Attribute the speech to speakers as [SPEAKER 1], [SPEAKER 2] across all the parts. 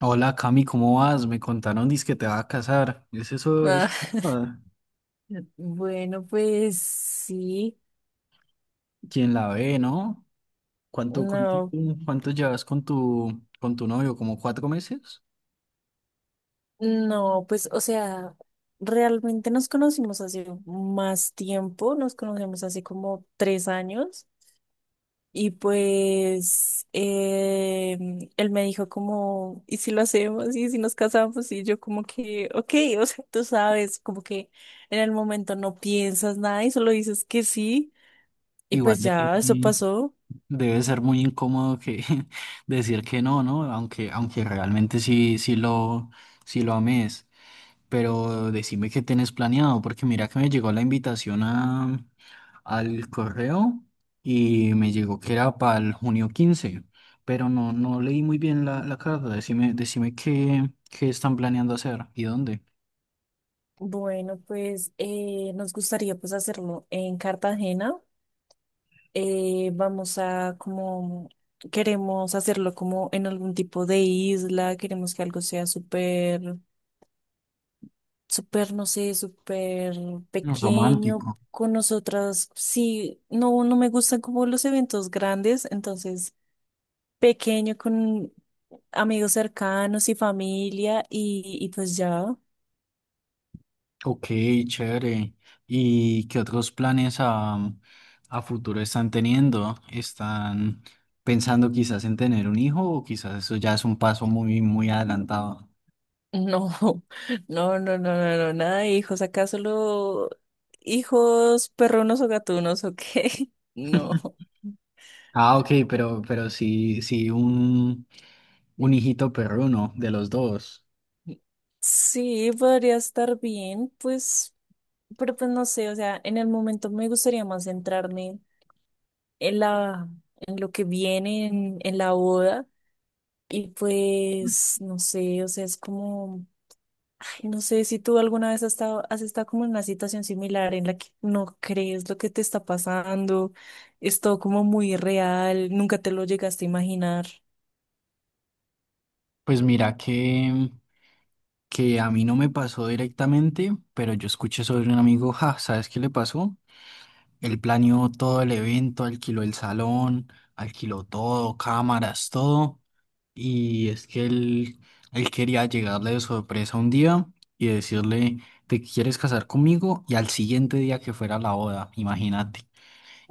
[SPEAKER 1] Hola Cami, ¿cómo vas? Me contaron que te va a casar. ¿Es eso,
[SPEAKER 2] Ah,
[SPEAKER 1] es ah,
[SPEAKER 2] bueno, pues sí,
[SPEAKER 1] quien la ve, no? ¿Cuánto, cuánto,
[SPEAKER 2] no,
[SPEAKER 1] cuánto llevas con tu novio? ¿Como 4 meses?
[SPEAKER 2] no, pues o sea, realmente nos conocimos hace más tiempo, nos conocemos hace como 3 años y pues él me dijo como, ¿y si lo hacemos? ¿Y si nos casamos? Y yo como que, ok, o sea, tú sabes, como que en el momento no piensas nada y solo dices que sí y
[SPEAKER 1] Igual
[SPEAKER 2] pues ya, eso pasó.
[SPEAKER 1] debe ser muy incómodo que decir que no, ¿no? Aunque realmente sí, sí lo ames. Pero decime qué tenés planeado, porque mira que me llegó la invitación al correo y me llegó que era para el junio 15, pero no leí muy bien la carta. Decime qué están planeando hacer y dónde.
[SPEAKER 2] Bueno, pues nos gustaría pues hacerlo en Cartagena. Vamos a como, queremos hacerlo como en algún tipo de isla, queremos que algo sea súper, súper, no sé, súper
[SPEAKER 1] Mm,
[SPEAKER 2] pequeño
[SPEAKER 1] romántico.
[SPEAKER 2] con nosotras. Sí, no, no me gustan como los eventos grandes, entonces pequeño con amigos cercanos y familia y pues ya.
[SPEAKER 1] Ok, chévere. ¿Y qué otros planes a futuro están teniendo? ¿Están pensando quizás en tener un hijo o quizás eso ya es un paso muy, muy adelantado?
[SPEAKER 2] No, no, no, no, no, no, nada de hijos, acá solo hijos perrunos o gatunos, ¿o qué? No.
[SPEAKER 1] Ah, ok, pero sí, sí, un hijito perruno de los dos.
[SPEAKER 2] Sí, podría estar bien, pues, pero pues no sé, o sea, en el momento me gustaría más centrarme en la, en lo que viene en la boda. Y pues, no sé, o sea, es como, ay, no sé si tú alguna vez has estado como en una situación similar en la que no crees lo que te está pasando, es todo como muy real, nunca te lo llegaste a imaginar.
[SPEAKER 1] Pues mira que a mí no me pasó directamente, pero yo escuché sobre un amigo, ja, ¿sabes qué le pasó? Él planeó todo el evento, alquiló el salón, alquiló todo, cámaras, todo. Y es que él quería llegarle de sorpresa un día y decirle, ¿te quieres casar conmigo? Y al siguiente día que fuera la boda, imagínate.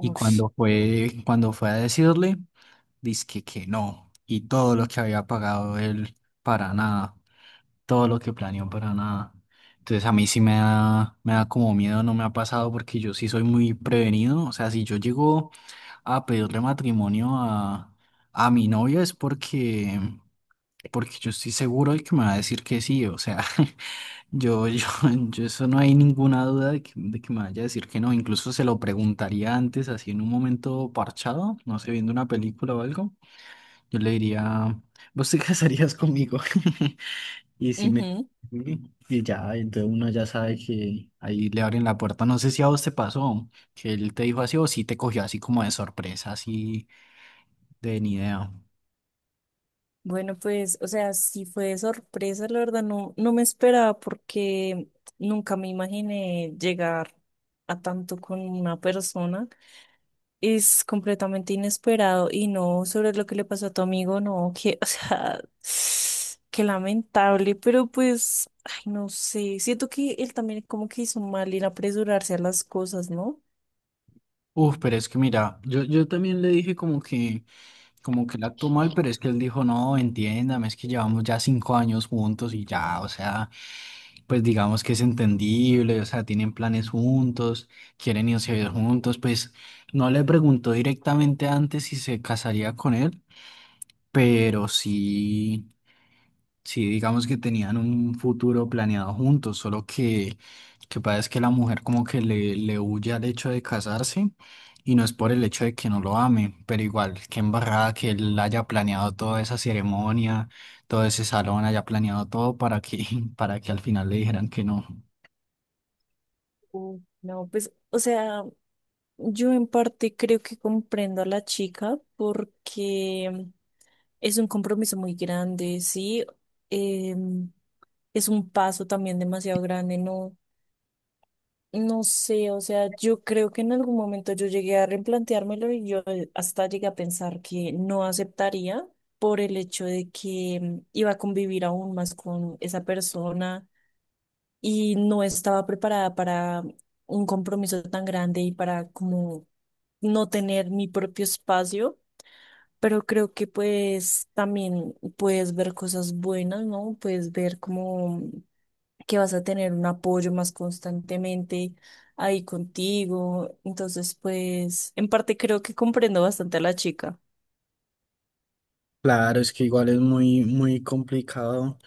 [SPEAKER 1] Y cuando fue a decirle, dizque que no. Y todo lo que había pagado él para nada. Todo lo que planeó para nada. Entonces a mí sí me da, como miedo, no me ha pasado porque yo sí soy muy prevenido. O sea, si yo llego a pedirle matrimonio a mi novia es porque yo estoy seguro de que me va a decir que sí. O sea, Yo, yo, yo eso no hay ninguna duda de que me vaya a decir que no. Incluso se lo preguntaría antes, así en un momento parchado, no sé, viendo una película o algo. Yo le diría, ¿vos te casarías conmigo? Y si me...
[SPEAKER 2] Ujú.
[SPEAKER 1] Sí, y ya, entonces uno ya sabe que ahí le abren la puerta. No sé si a vos te pasó, que él te dijo así o si te cogió así como de sorpresa, así de ni idea.
[SPEAKER 2] Bueno, pues, o sea, sí fue de sorpresa, la verdad, no, no me esperaba porque nunca me imaginé llegar a tanto con una persona. Es completamente inesperado y no sobre lo que le pasó a tu amigo, no, que, o sea, qué lamentable, pero pues, ay, no sé, siento que él también como que hizo mal en apresurarse a las cosas, ¿no?
[SPEAKER 1] Uf, pero es que mira, yo también le dije como que él actuó mal, pero es que él dijo, no, entiéndame, es que llevamos ya 5 años juntos y ya, o sea, pues digamos que es entendible, o sea, tienen planes juntos, quieren irse a vivir juntos, pues no le preguntó directamente antes si se casaría con él, pero sí. Sí, digamos que tenían un futuro planeado juntos, solo que pasa es que la mujer como que le huye al hecho de casarse y no es por el hecho de que no lo ame, pero igual, qué embarrada que él haya planeado toda esa ceremonia, todo ese salón, haya planeado todo para que, para que al final le dijeran que no.
[SPEAKER 2] Mm. No, pues, o sea, yo en parte creo que comprendo a la chica porque es un compromiso muy grande, sí. Em, es un paso también demasiado grande, ¿no? No sé, o sea, yo creo que en algún momento yo llegué a replanteármelo y yo hasta llegué a pensar que no aceptaría por el hecho de que iba a convivir aún más con esa persona y no estaba preparada para un compromiso tan grande y para como no tener mi propio espacio, pero creo que pues también puedes ver cosas buenas, ¿no? Puedes ver como que vas a tener un apoyo más constantemente ahí contigo. Entonces, pues, en parte creo que comprendo bastante a la chica.
[SPEAKER 1] Claro, es que igual es muy, muy complicado.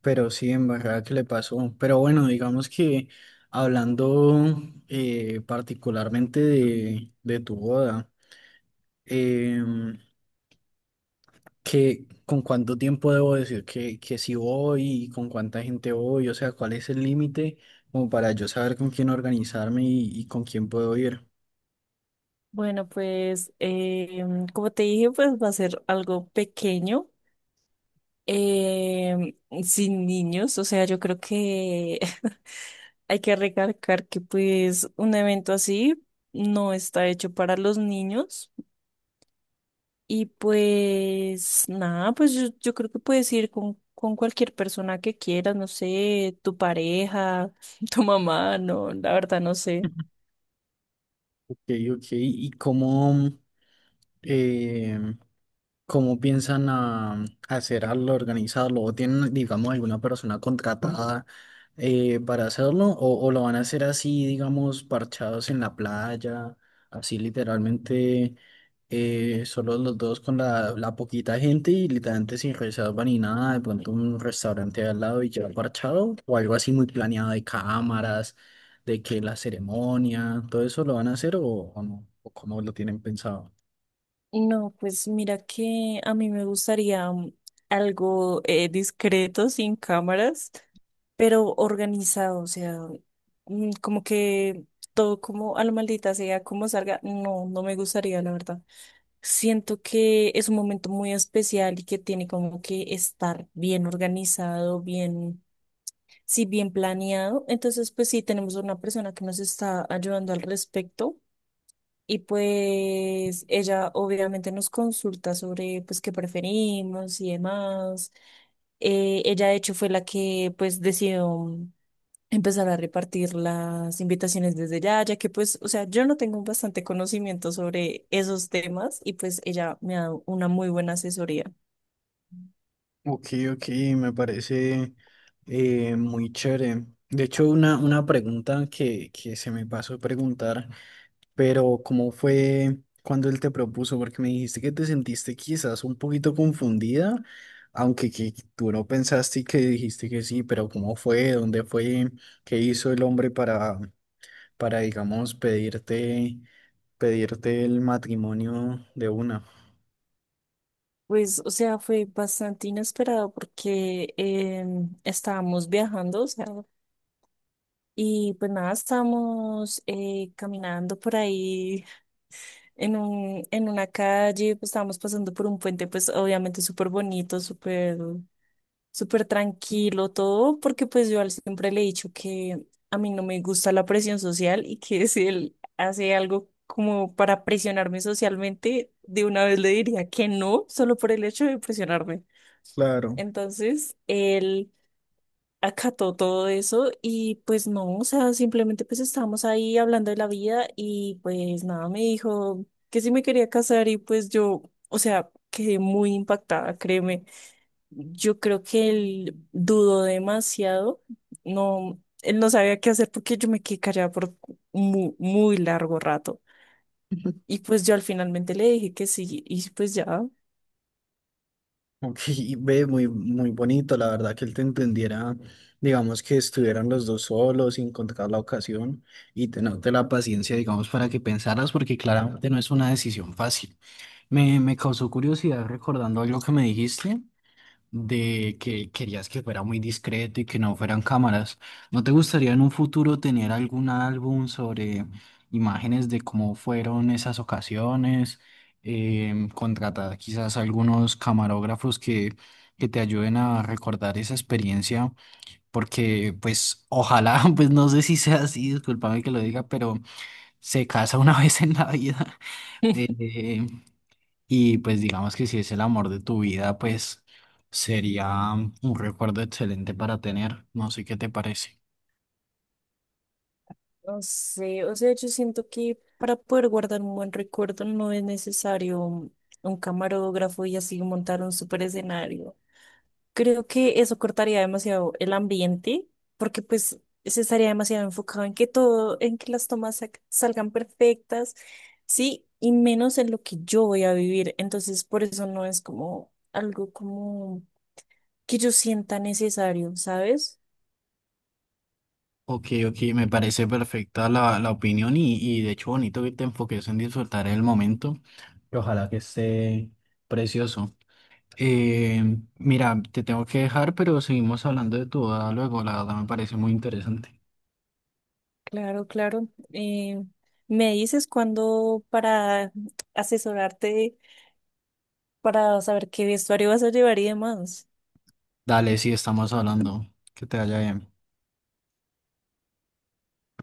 [SPEAKER 1] Pero sí, en verdad que le pasó. Pero bueno, digamos que hablando particularmente de tu boda, em, que, ¿con cuánto tiempo debo decir que si voy y con cuánta gente voy? O sea, ¿cuál es el límite como para yo saber con quién organizarme y con quién puedo ir?
[SPEAKER 2] Bueno, pues como te dije, pues va a ser algo pequeño, em, sin niños, o sea, yo creo que hay que recalcar que pues un evento así no está hecho para los niños y pues nada, pues yo creo que puedes ir con cualquier persona que quieras, no sé, tu pareja, tu mamá, no, la verdad no sé.
[SPEAKER 1] Ok, ok. Em, ¿cómo piensan a hacer al organizarlo? ¿O tienen, digamos, alguna persona contratada para hacerlo? ¿O lo van a hacer así, digamos, parchados en la playa? Así literalmente, solo los dos con la poquita gente y literalmente sin reserva ni nada, de pronto un restaurante al lado y ya parchado, o algo así muy planeado de cámaras, de que la ceremonia, todo eso lo van a hacer o no, o cómo lo tienen pensado.
[SPEAKER 2] No, pues mira que a mí me gustaría algo discreto, sin cámaras, pero organizado, o sea, como que todo como a la maldita sea, como salga, no, no me gustaría, la verdad. Siento que es un momento muy especial y que tiene como que estar bien organizado, bien, sí, bien planeado. Entonces, pues sí, tenemos una persona que nos está ayudando al respecto y pues ella obviamente nos consulta sobre pues qué preferimos y demás. Ella de hecho fue la que pues decidió empezar a repartir las invitaciones desde ya, ya que pues, o sea, yo no tengo bastante conocimiento sobre esos temas y pues ella me ha dado una muy buena asesoría.
[SPEAKER 1] Ok, ok, me parece muy chévere. De hecho, una pregunta que se me pasó a preguntar, pero ¿cómo fue cuando él te propuso? Porque me dijiste que te sentiste quizás un poquito confundida, aunque que tú no pensaste y que dijiste que sí, pero ¿cómo fue? ¿Dónde fue? ¿Qué hizo el hombre para, digamos, pedirte pedirte, el matrimonio de una?
[SPEAKER 2] Pues, o sea, fue bastante inesperado porque estábamos viajando, o sea, y pues nada, estábamos caminando por ahí en una calle, pues estábamos pasando por un puente, pues obviamente súper bonito, súper, súper tranquilo todo, porque pues siempre le he dicho que a mí no me gusta la presión social y que si él hace algo como para presionarme socialmente, de una vez le diría que no, solo por el hecho de presionarme.
[SPEAKER 1] Claro.
[SPEAKER 2] Entonces, él acató todo eso y pues no, o sea, simplemente pues estábamos ahí hablando de la vida y pues nada, me dijo que si me quería casar y pues yo, o sea, quedé muy impactada, créeme. Yo creo que él dudó demasiado, no, él no sabía qué hacer porque yo me quedé callada por muy, muy largo rato. Y pues yo al finalmente le dije que sí y pues ya.
[SPEAKER 1] Ok, ve muy, muy bonito, la verdad, que él te entendiera, digamos, que estuvieran los dos solos sin contar la ocasión y tenerte la paciencia, digamos, para que pensaras, porque claramente no es una decisión fácil. Me causó curiosidad recordando algo que me dijiste de que querías que fuera muy discreto y que no fueran cámaras. ¿No te gustaría en un futuro tener algún álbum sobre imágenes de cómo fueron esas ocasiones? Contratar quizás algunos camarógrafos que te ayuden a recordar esa experiencia, porque pues ojalá, pues no sé si sea así, discúlpame que lo diga, pero se casa una vez en la vida. Eh, y pues digamos que si es el amor de tu vida, pues sería un recuerdo excelente para tener. No sé qué te parece.
[SPEAKER 2] No sé, o sea, yo siento que para poder guardar un buen recuerdo no es necesario un camarógrafo y así montar un super escenario. Creo que eso cortaría demasiado el ambiente, porque pues se estaría demasiado enfocado en que todo, en que las salgan perfectas, sí, y menos en lo que yo voy a vivir. Entonces, por eso no es como algo como que yo sienta necesario, ¿sabes?
[SPEAKER 1] Ok, ok, me parece perfecta la opinión y de hecho bonito que te enfoques en disfrutar el momento. Y ojalá que esté precioso. Eh, mira, te tengo que dejar, pero seguimos hablando de tu boda luego. La verdad me parece muy interesante.
[SPEAKER 2] Claro, claro. Me dices cuándo para asesorarte, para saber qué vestuario vas a llevar y demás.
[SPEAKER 1] Dale, sí, estamos hablando. Que te vaya bien.